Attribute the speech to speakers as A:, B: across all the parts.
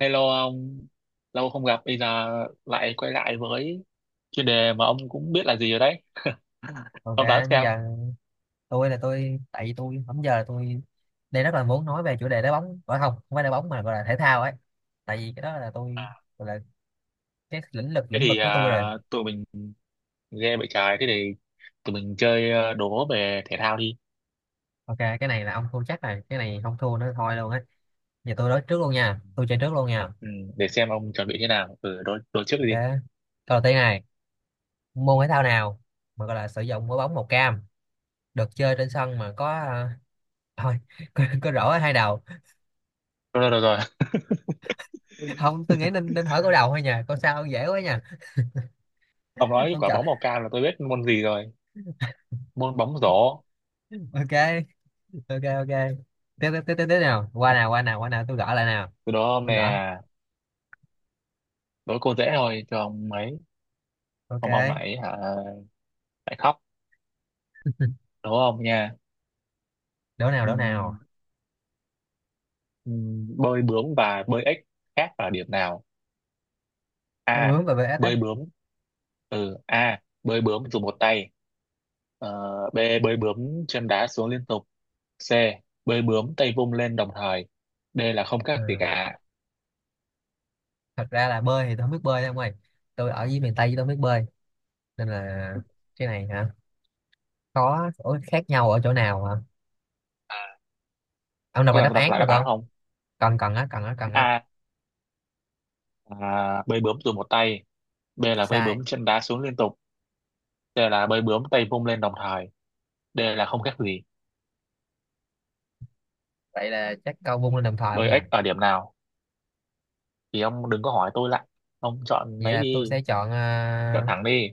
A: Hello ông, lâu không gặp, bây giờ lại quay lại với chuyên đề mà ông cũng biết là gì rồi đấy.
B: OK,
A: Ông đoán xem.
B: giờ tôi tại vì tôi bấm giờ là tôi đây rất là muốn nói về chủ đề đá bóng, gọi không, không phải đá bóng mà gọi là thể thao ấy, tại vì cái đó là tôi gọi là cái lĩnh vực lĩnh vực của tôi rồi.
A: Tụi mình game bị trái, thế thì tụi mình chơi đố về thể thao đi.
B: OK, cái này là ông thua chắc này, cái này không thua nữa thôi luôn á. Giờ tôi nói trước luôn nha, tôi chơi trước luôn nha.
A: Ừ, để xem ông chuẩn bị thế nào. Ừ, đố đối trước
B: OK,
A: đi.
B: câu đầu tiên này, môn thể thao nào mà gọi là sử dụng quả bóng màu cam, được chơi trên sân mà có thôi có rổ ở hai đầu.
A: Rồi, rồi, rồi, rồi.
B: Không, tôi nghĩ nên nên hỏi câu đầu thôi nha, câu sau dễ quá nha.
A: Ông nói
B: Ông
A: quả
B: chọn.
A: bóng màu cam là tôi biết môn gì rồi. Môn bóng rổ.
B: OK, OK, OK. Tiếp tiếp tiếp tiếp tiếp nào, qua nào qua nào qua nào, tôi gõ lại nào.
A: Từ đó ông
B: Tôi
A: nè,
B: gõ.
A: đố cô dễ thôi, cho ông ấy. Ông
B: OK,
A: lại hả, lại khóc. Đố ông nha?
B: đố nào
A: Ừ.
B: đố nào.
A: Bơi bướm và bơi ếch khác ở điểm nào?
B: Đố
A: A,
B: bướm và vs á.
A: bơi bướm. Ừ a Bơi bướm dùng một tay. Ờ, B, bơi bướm chân đá xuống liên tục. C, bơi bướm tay vung lên đồng thời. D là không khác
B: Ờ,
A: gì cả.
B: thật ra là bơi thì tôi không biết bơi đâu ông ơi, tôi ở dưới miền Tây chứ tôi không biết bơi, nên là cái này hả, có. Ủa, khác nhau ở chỗ nào hả? Ông đọc
A: Có
B: lại
A: cần
B: đáp
A: tôi đọc
B: án
A: lại
B: được
A: đáp án
B: không?
A: không?
B: Cần cần á, cần á, cần á.
A: A là bơi bướm dùng một tay. B là bơi
B: Sai.
A: bướm chân đá xuống liên tục. C là bơi bướm tay vung lên đồng thời. D là không khác gì.
B: Vậy là chắc câu vung lên đồng thời không
A: Bơi
B: nhỉ.
A: ếch ở điểm nào thì ông đừng có hỏi tôi lại, ông chọn
B: Vậy
A: lấy
B: là tôi
A: đi.
B: sẽ chọn
A: Chọn thẳng đi.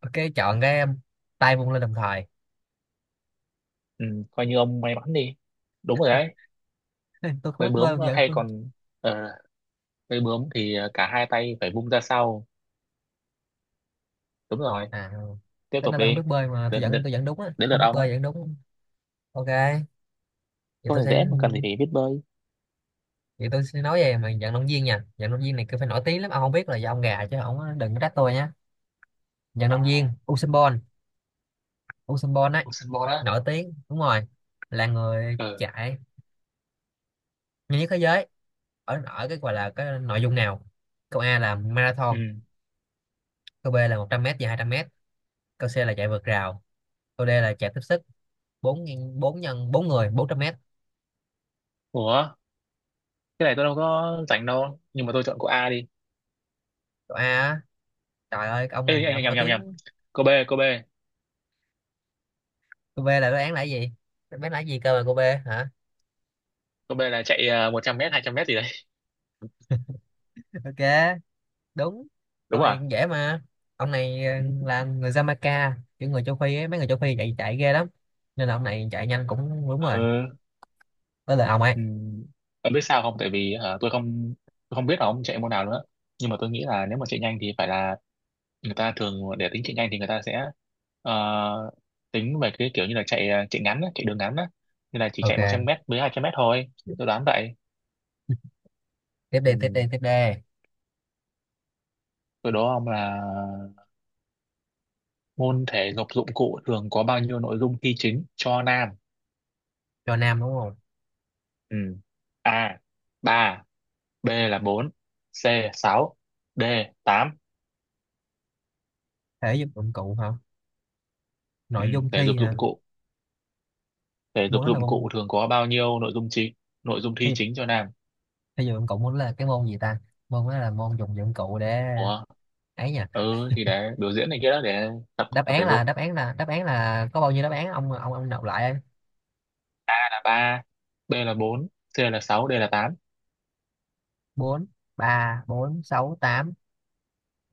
B: OK, chọn cái tay vung lên đồng thời.
A: Ừ, coi như ông may mắn đi, đúng rồi đấy.
B: Tôi không
A: Bơi
B: biết bơi,
A: bướm
B: tôi giờ
A: hay
B: tôi.
A: còn, uh, bơi bướm thì cả hai tay phải vung ra sau, đúng rồi.
B: À,
A: Tiếp
B: tính
A: tục
B: ra tôi không biết
A: đi.
B: bơi mà tôi
A: Đến
B: vẫn
A: đến,
B: tôi vẫn đúng á,
A: Đến lượt
B: không biết
A: ông á.
B: bơi vẫn đúng. OK, vậy
A: Câu
B: tôi
A: này
B: sẽ
A: dễ mà cần gì phải biết bơi.
B: vậy tôi sẽ nói về mà vận động viên nha, vận động viên này cứ phải nổi tiếng lắm, ông không biết là do ông gà chứ ông đừng có trách tôi nhé. Vận động viên Usain Bolt, Usain Bolt ấy,
A: Ông sân bò đó.
B: nổi tiếng đúng rồi, là người
A: Ờ.
B: chạy nhanh nhất thế giới ở ở cái gọi là cái nội dung nào. Câu A là marathon,
A: Ừ.
B: câu B là 100 m và 200 m, câu C là chạy vượt rào, câu D là chạy tiếp sức 4, 4 nhân 4 người 400 m.
A: Ủa, cái này tôi đâu có rảnh đâu nhưng mà tôi chọn cô A đi.
B: Câu A á, trời ơi cái ông
A: Ê,
B: này là
A: nhầm
B: ông
A: nhầm
B: nổi
A: nhầm nhầm,
B: tiếng.
A: cô B, cô B.
B: Câu B là đáp án là cái gì, đáp án là cái gì cơ mà câu B? Hả?
A: Cô B là chạy 100 mét 200 mét gì đấy.
B: OK, đúng. Câu
A: Đúng
B: này
A: à?
B: cũng dễ mà. Ông này là người Jamaica, những người châu Phi ấy, mấy người châu Phi chạy chạy ghê lắm, nên là ông này chạy nhanh cũng đúng rồi.
A: Ờ.
B: Với lại ông ấy.
A: Ừ. Ông biết sao không, tại vì hả, tôi không biết là ông chạy môn nào nữa, nhưng mà tôi nghĩ là nếu mà chạy nhanh thì phải là người ta thường để tính chạy nhanh thì người ta sẽ ờ, tính về cái kiểu như là chạy ngắn á, chạy đường ngắn á, như là chỉ chạy 100
B: OK,
A: mét với 200 mét thôi. Tôi đoán vậy.
B: tiếp đi
A: Ừ.
B: tiếp đi tiếp đi.
A: Từ đó ông là môn thể dục dụng cụ thường có bao nhiêu nội dung thi chính cho nam?
B: Cho nam, đúng không?
A: Ừ. A 3, B là 4, C 6, D 8.
B: Thể dục dụng cụ hả?
A: Ừ.
B: Nội dung
A: Thể dục
B: thi hả?
A: dụng cụ,
B: Môn đó là môn
A: thường có bao nhiêu nội dung
B: thể
A: thi
B: dục,
A: chính cho nam?
B: thể dục dụng cụ. Môn đó là cái môn gì ta, môn đó là môn dùng dụng cụ để
A: Ủa?
B: ấy nha.
A: Ừ thì để biểu diễn này kia đó, để tập
B: Đáp
A: tập
B: án
A: thể
B: là,
A: dục.
B: đáp án là, đáp án là có bao nhiêu đáp án, ông đọc lại.
A: Ba, B là bốn, C là sáu, D là tám.
B: Bốn, ba bốn sáu tám,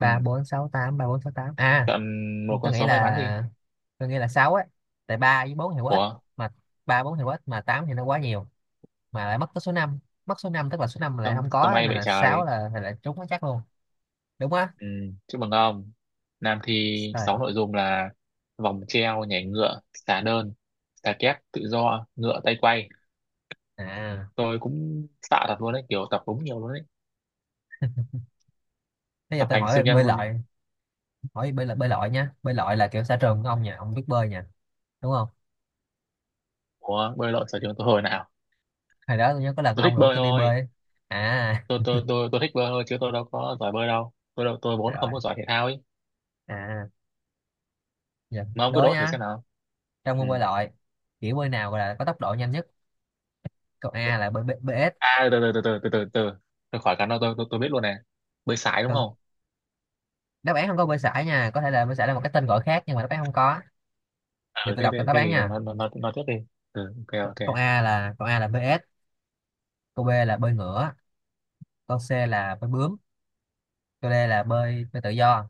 A: Ừ,
B: bốn sáu tám, ba bốn sáu tám à.
A: chọn một con
B: tôi nghĩ
A: số may mắn đi.
B: là tôi nghĩ là 6 á, tại 3 với 4 thì quá ít,
A: Ủa,
B: mà 3 4 thì quá ít mà 8 thì nó quá nhiều, mà lại mất tới số năm, mất số 5 tức là số 5 lại
A: sao,
B: không
A: sao
B: có,
A: may
B: nên
A: vậy
B: là 6
A: trời.
B: là là trúng nó chắc luôn. Đúng á.
A: Ừ, chúc mừng ông. Nam thi
B: Rồi.
A: sáu nội dung là vòng treo, nhảy ngựa, xà đơn, xà kép, tự do, ngựa tay quay.
B: À,
A: Tôi cũng sợ thật luôn đấy, kiểu tập đúng nhiều luôn đấy,
B: bây giờ
A: tập
B: tôi
A: thành
B: hỏi về
A: siêu nhân
B: bơi
A: luôn đấy.
B: lội, hỏi bơi lội, bơi lội nha. Bơi lội là kiểu xã trường của ông nha, ông biết bơi nha, đúng không?
A: Ủa, bơi lội sở trường tôi hồi nào?
B: Hồi đó tôi nhớ có lần
A: Tôi thích
B: ông rủ
A: bơi
B: tôi đi
A: thôi.
B: bơi ấy. À.
A: Tôi thích bơi thôi, chứ tôi đâu có giỏi bơi đâu, tôi vốn
B: Rồi.
A: không có giỏi thể thao ấy.
B: À, giờ
A: Mà ông cứ
B: đố
A: đố thử
B: nha.
A: xem nào.
B: Trong
A: Ừ.
B: môn bơi lội, kiểu bơi nào là có tốc độ nhanh nhất? Câu A là bơi BS.
A: À, từ từ từ từ từ từ từ tôi khỏi cái nó, tôi biết luôn này. Bơi sải đúng
B: Câu-
A: không?
B: đáp án không có bơi sải nha, có thể là bơi sải là một cái tên gọi khác nhưng mà đáp án không có. Giờ
A: Ừ
B: tôi
A: thế
B: đọc
A: thế,
B: đáp
A: Thế
B: án
A: thì
B: nha.
A: nó tiếp đi. Ừ, ok ok.
B: Câu, A là, câu A là bơi ếch, câu B là bơi ngửa, câu C là bơi bướm, câu D là bơi bơi tự do.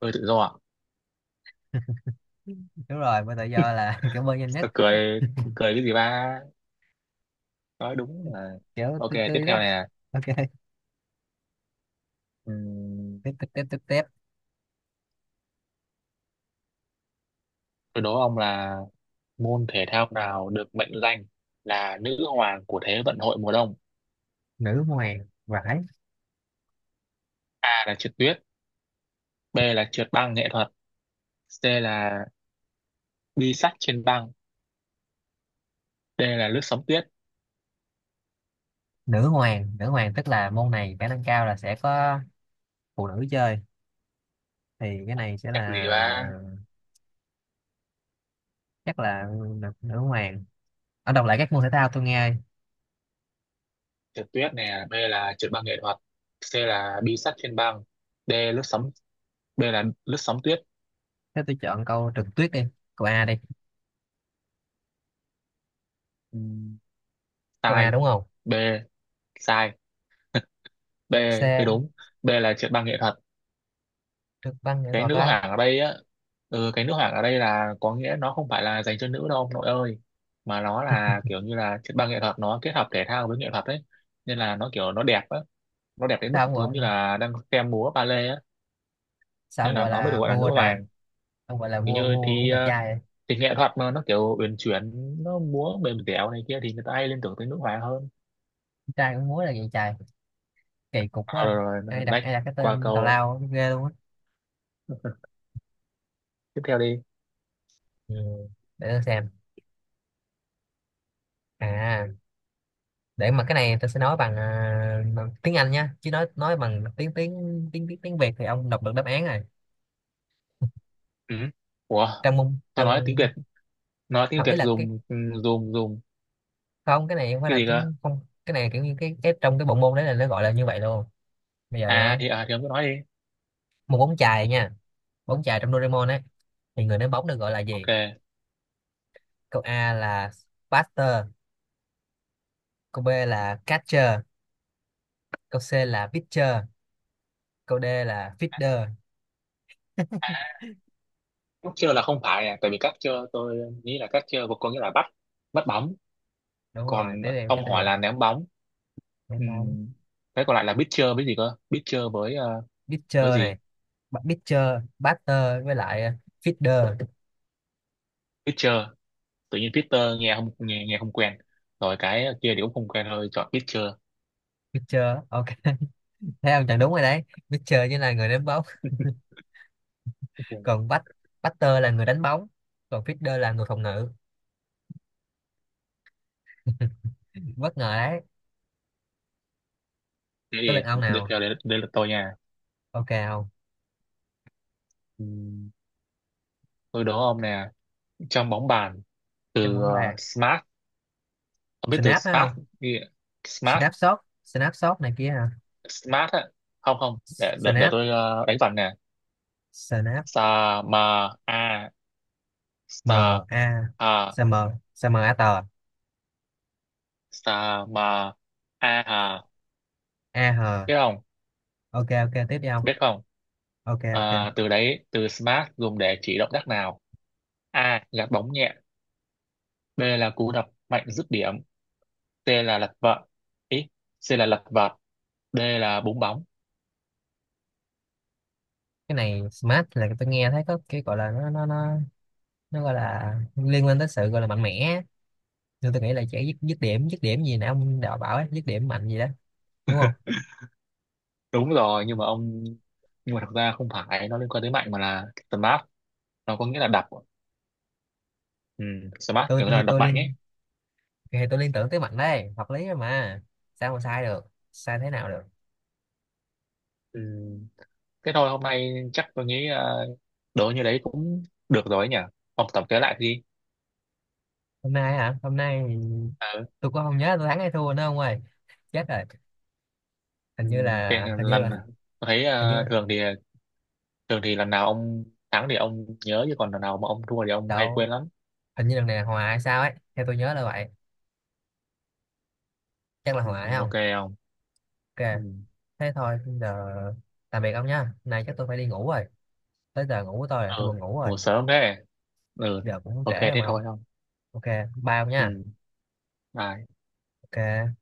A: Bơi tự do ạ.
B: Đúng rồi, bơi tự do là kiểu bơi nhanh nhất.
A: Tôi cười. Cười cái gì ba, nói đúng là.
B: Kiểu
A: Ok,
B: tươi
A: tiếp
B: tươi đó.
A: theo nè.
B: OK,
A: Ừm,
B: tiếp tiếp tiếp tiếp tiếp.
A: tôi đố ông là môn thể thao nào được mệnh danh là nữ hoàng của thế vận hội mùa đông?
B: Nữ hoàng vải.
A: A là trượt tuyết, B là trượt băng nghệ thuật, C là bi sắt trên băng, D là lướt sóng tuyết.
B: Nữ hoàng, nữ hoàng tức là môn này khả năng cao là sẽ có phụ nữ chơi, thì cái này sẽ
A: Chắc gì
B: là,
A: ba.
B: chắc là nữ, nữ hoàng ở. Đọc lại các môn thể thao tôi nghe.
A: Trượt tuyết nè, B là trượt băng nghệ thuật, C là bi sắt trên băng, D lướt sóng, B là lướt sóng tuyết.
B: Thế tôi chọn câu trượt tuyết đi, câu A đi.
A: Ừm,
B: Câu A
A: sai.
B: đúng không?
A: B sai. B. B
B: C.
A: đúng, B là trượt băng nghệ thuật.
B: Trượt băng nghệ
A: Cái
B: thuật
A: nữ
B: á.
A: hoàng ở đây á, ừ, cái nữ hoàng ở đây là có nghĩa nó không phải là dành cho nữ đâu ông nội ơi, mà nó là kiểu như là trượt băng nghệ thuật nó kết hợp thể thao với nghệ thuật đấy, nên là nó kiểu nó đẹp á, nó đẹp đến mức
B: Sao không gọi,
A: giống như là đang xem múa ballet á,
B: sao
A: nên
B: ông
A: là
B: gọi
A: nó mới được
B: là
A: gọi là nữ
B: vua trời,
A: hoàng.
B: ông gọi là
A: Kiểu
B: vua,
A: như
B: vua cũng
A: thi
B: đẹp trai vậy.
A: thì nghệ thuật mà nó kiểu uyển chuyển, nó múa mềm dẻo này kia thì người ta hay liên tưởng tới nước ngoài hơn.
B: Trai cũng múa là vậy trời, kỳ cục
A: À,
B: quá.
A: rồi, rồi,
B: Ai
A: rồi,
B: đặt,
A: next.
B: ai đặt cái
A: Qua
B: tên tào
A: câu
B: lao á, ghê luôn á.
A: tiếp theo đi.
B: Ừ, để tôi xem. À, để mà cái này tôi sẽ nói bằng bằng tiếng Anh nhá, chứ nói bằng tiếng tiếng tiếng tiếng tiếng Việt thì ông đọc được đáp án rồi.
A: Ừ. Ủa,
B: trong môn
A: tôi
B: trong
A: nói tiếng Việt, nói tiếng
B: Không,
A: Việt
B: ý là cái,
A: dùng dùng
B: không, cái này không phải
A: cái
B: là
A: gì cơ?
B: tiếng, không. Cái này kiểu như cái trong cái bộ môn đấy là nó gọi là như vậy luôn. Bây giờ
A: À
B: nha,
A: thì à thì ông cứ nói đi.
B: một bóng chày nha, bóng chày trong Doraemon ấy, thì người ném bóng được gọi là
A: Ok.
B: gì? Câu A là Buster, câu B là catcher, câu C là pitcher, câu D là fielder.
A: Cắt chơ là không phải, à tại vì cắt chơ tôi nghĩ là cắt chơ có nghĩa là bắt, bắt bóng.
B: Đúng rồi,
A: Còn
B: tiếp theo tiếp
A: ông
B: theo.
A: hỏi là ném bóng.
B: Cái món
A: Ừm, cái còn lại là biết pitcher với gì cơ, biết pitcher với
B: pitcher
A: gì?
B: này, pitcher, batter với lại fielder.
A: Biết pitcher, tự nhiên Peter nghe không quen, rồi cái kia thì cũng không quen, thôi chọn Peter.
B: Pitcher. OK. Thấy không? Chẳng đúng rồi đấy. Pitcher chính là người ném bóng,
A: Ừ.
B: còn batter là người đánh bóng, còn fielder là người phòng ngự. Bất ngờ đấy.
A: Thế
B: Tới
A: thì
B: lượt ông
A: tiếp
B: nào.
A: theo đây, đây là tôi nha.
B: OK không?
A: Ừm, tôi đố ông nè, trong bóng bàn
B: Trong
A: từ
B: bóng bàn.
A: smart, ông biết từ
B: Snap phải
A: smart,
B: không?
A: ghi- smart,
B: Snap shot, snap shot này kia hả?
A: smart á. Không không, để
B: Snap,
A: tôi ờ, đánh vần nè.
B: snap.
A: Sa, ma, a,
B: M
A: sa,
B: A,
A: a,
B: S M, S M A T,
A: sa, ma, a hà,
B: A H.
A: biết không?
B: OK OK, tiếp đi ông.
A: Biết không?
B: OK OK.
A: À, từ đấy, từ smart dùng để chỉ động tác nào? A, gạt bóng nhẹ. B là cú đập mạnh dứt điểm. C là lật vợt. Ý, C là lật vợt. D là búng bóng.
B: Cái này smart là tôi nghe thấy có cái gọi là nó gọi là liên quan tới sự gọi là mạnh mẽ, nhưng tôi nghĩ là sẽ dứt dứt điểm gì nè, ông đạo bảo ấy, dứt điểm mạnh gì đó, đúng không?
A: Đúng rồi nhưng mà ông, nhưng mà thật ra không phải nó liên quan tới mạnh mà là smart nó có nghĩa là đập. Ừ, smart
B: Tôi,
A: kiểu
B: tôi thì
A: là đập
B: tôi
A: mạnh
B: liên
A: ấy.
B: Thì tôi liên tưởng tới mạnh đấy, hợp lý rồi mà, sao mà sai được, sai thế nào được.
A: Ừ, thế thôi hôm nay chắc tôi nghĩ đố như đấy cũng được rồi ấy nhỉ. Ông tổng kết lại đi.
B: Hôm nay hả, hôm nay
A: Ừ.
B: tôi cũng không nhớ tôi thắng hay thua nữa ông ơi, chết rồi. hình
A: Ừ.
B: như
A: Cái
B: là hình như là
A: lần tôi thấy
B: hình
A: ờ,
B: như
A: thường thì, lần nào ông thắng thì ông nhớ, chứ còn lần nào mà ông thua thì ông hay
B: đâu,
A: quên lắm.
B: hình như lần này là hòa hay sao ấy, theo tôi nhớ là vậy, chắc là
A: Ừ.
B: hòa hay không.
A: Ok không.
B: OK,
A: Ừ.
B: thế thôi giờ, tạm biệt ông nha, nay chắc tôi phải đi ngủ rồi, tới giờ ngủ của tôi rồi, tôi buồn
A: Ừ.
B: ngủ rồi.
A: Ngủ sớm thế. Ừ.
B: Giờ cũng
A: Ok
B: trễ rồi
A: thế
B: mà ông.
A: thôi không.
B: OK, bye ông
A: Ừ,
B: nha.
A: bye.
B: OK.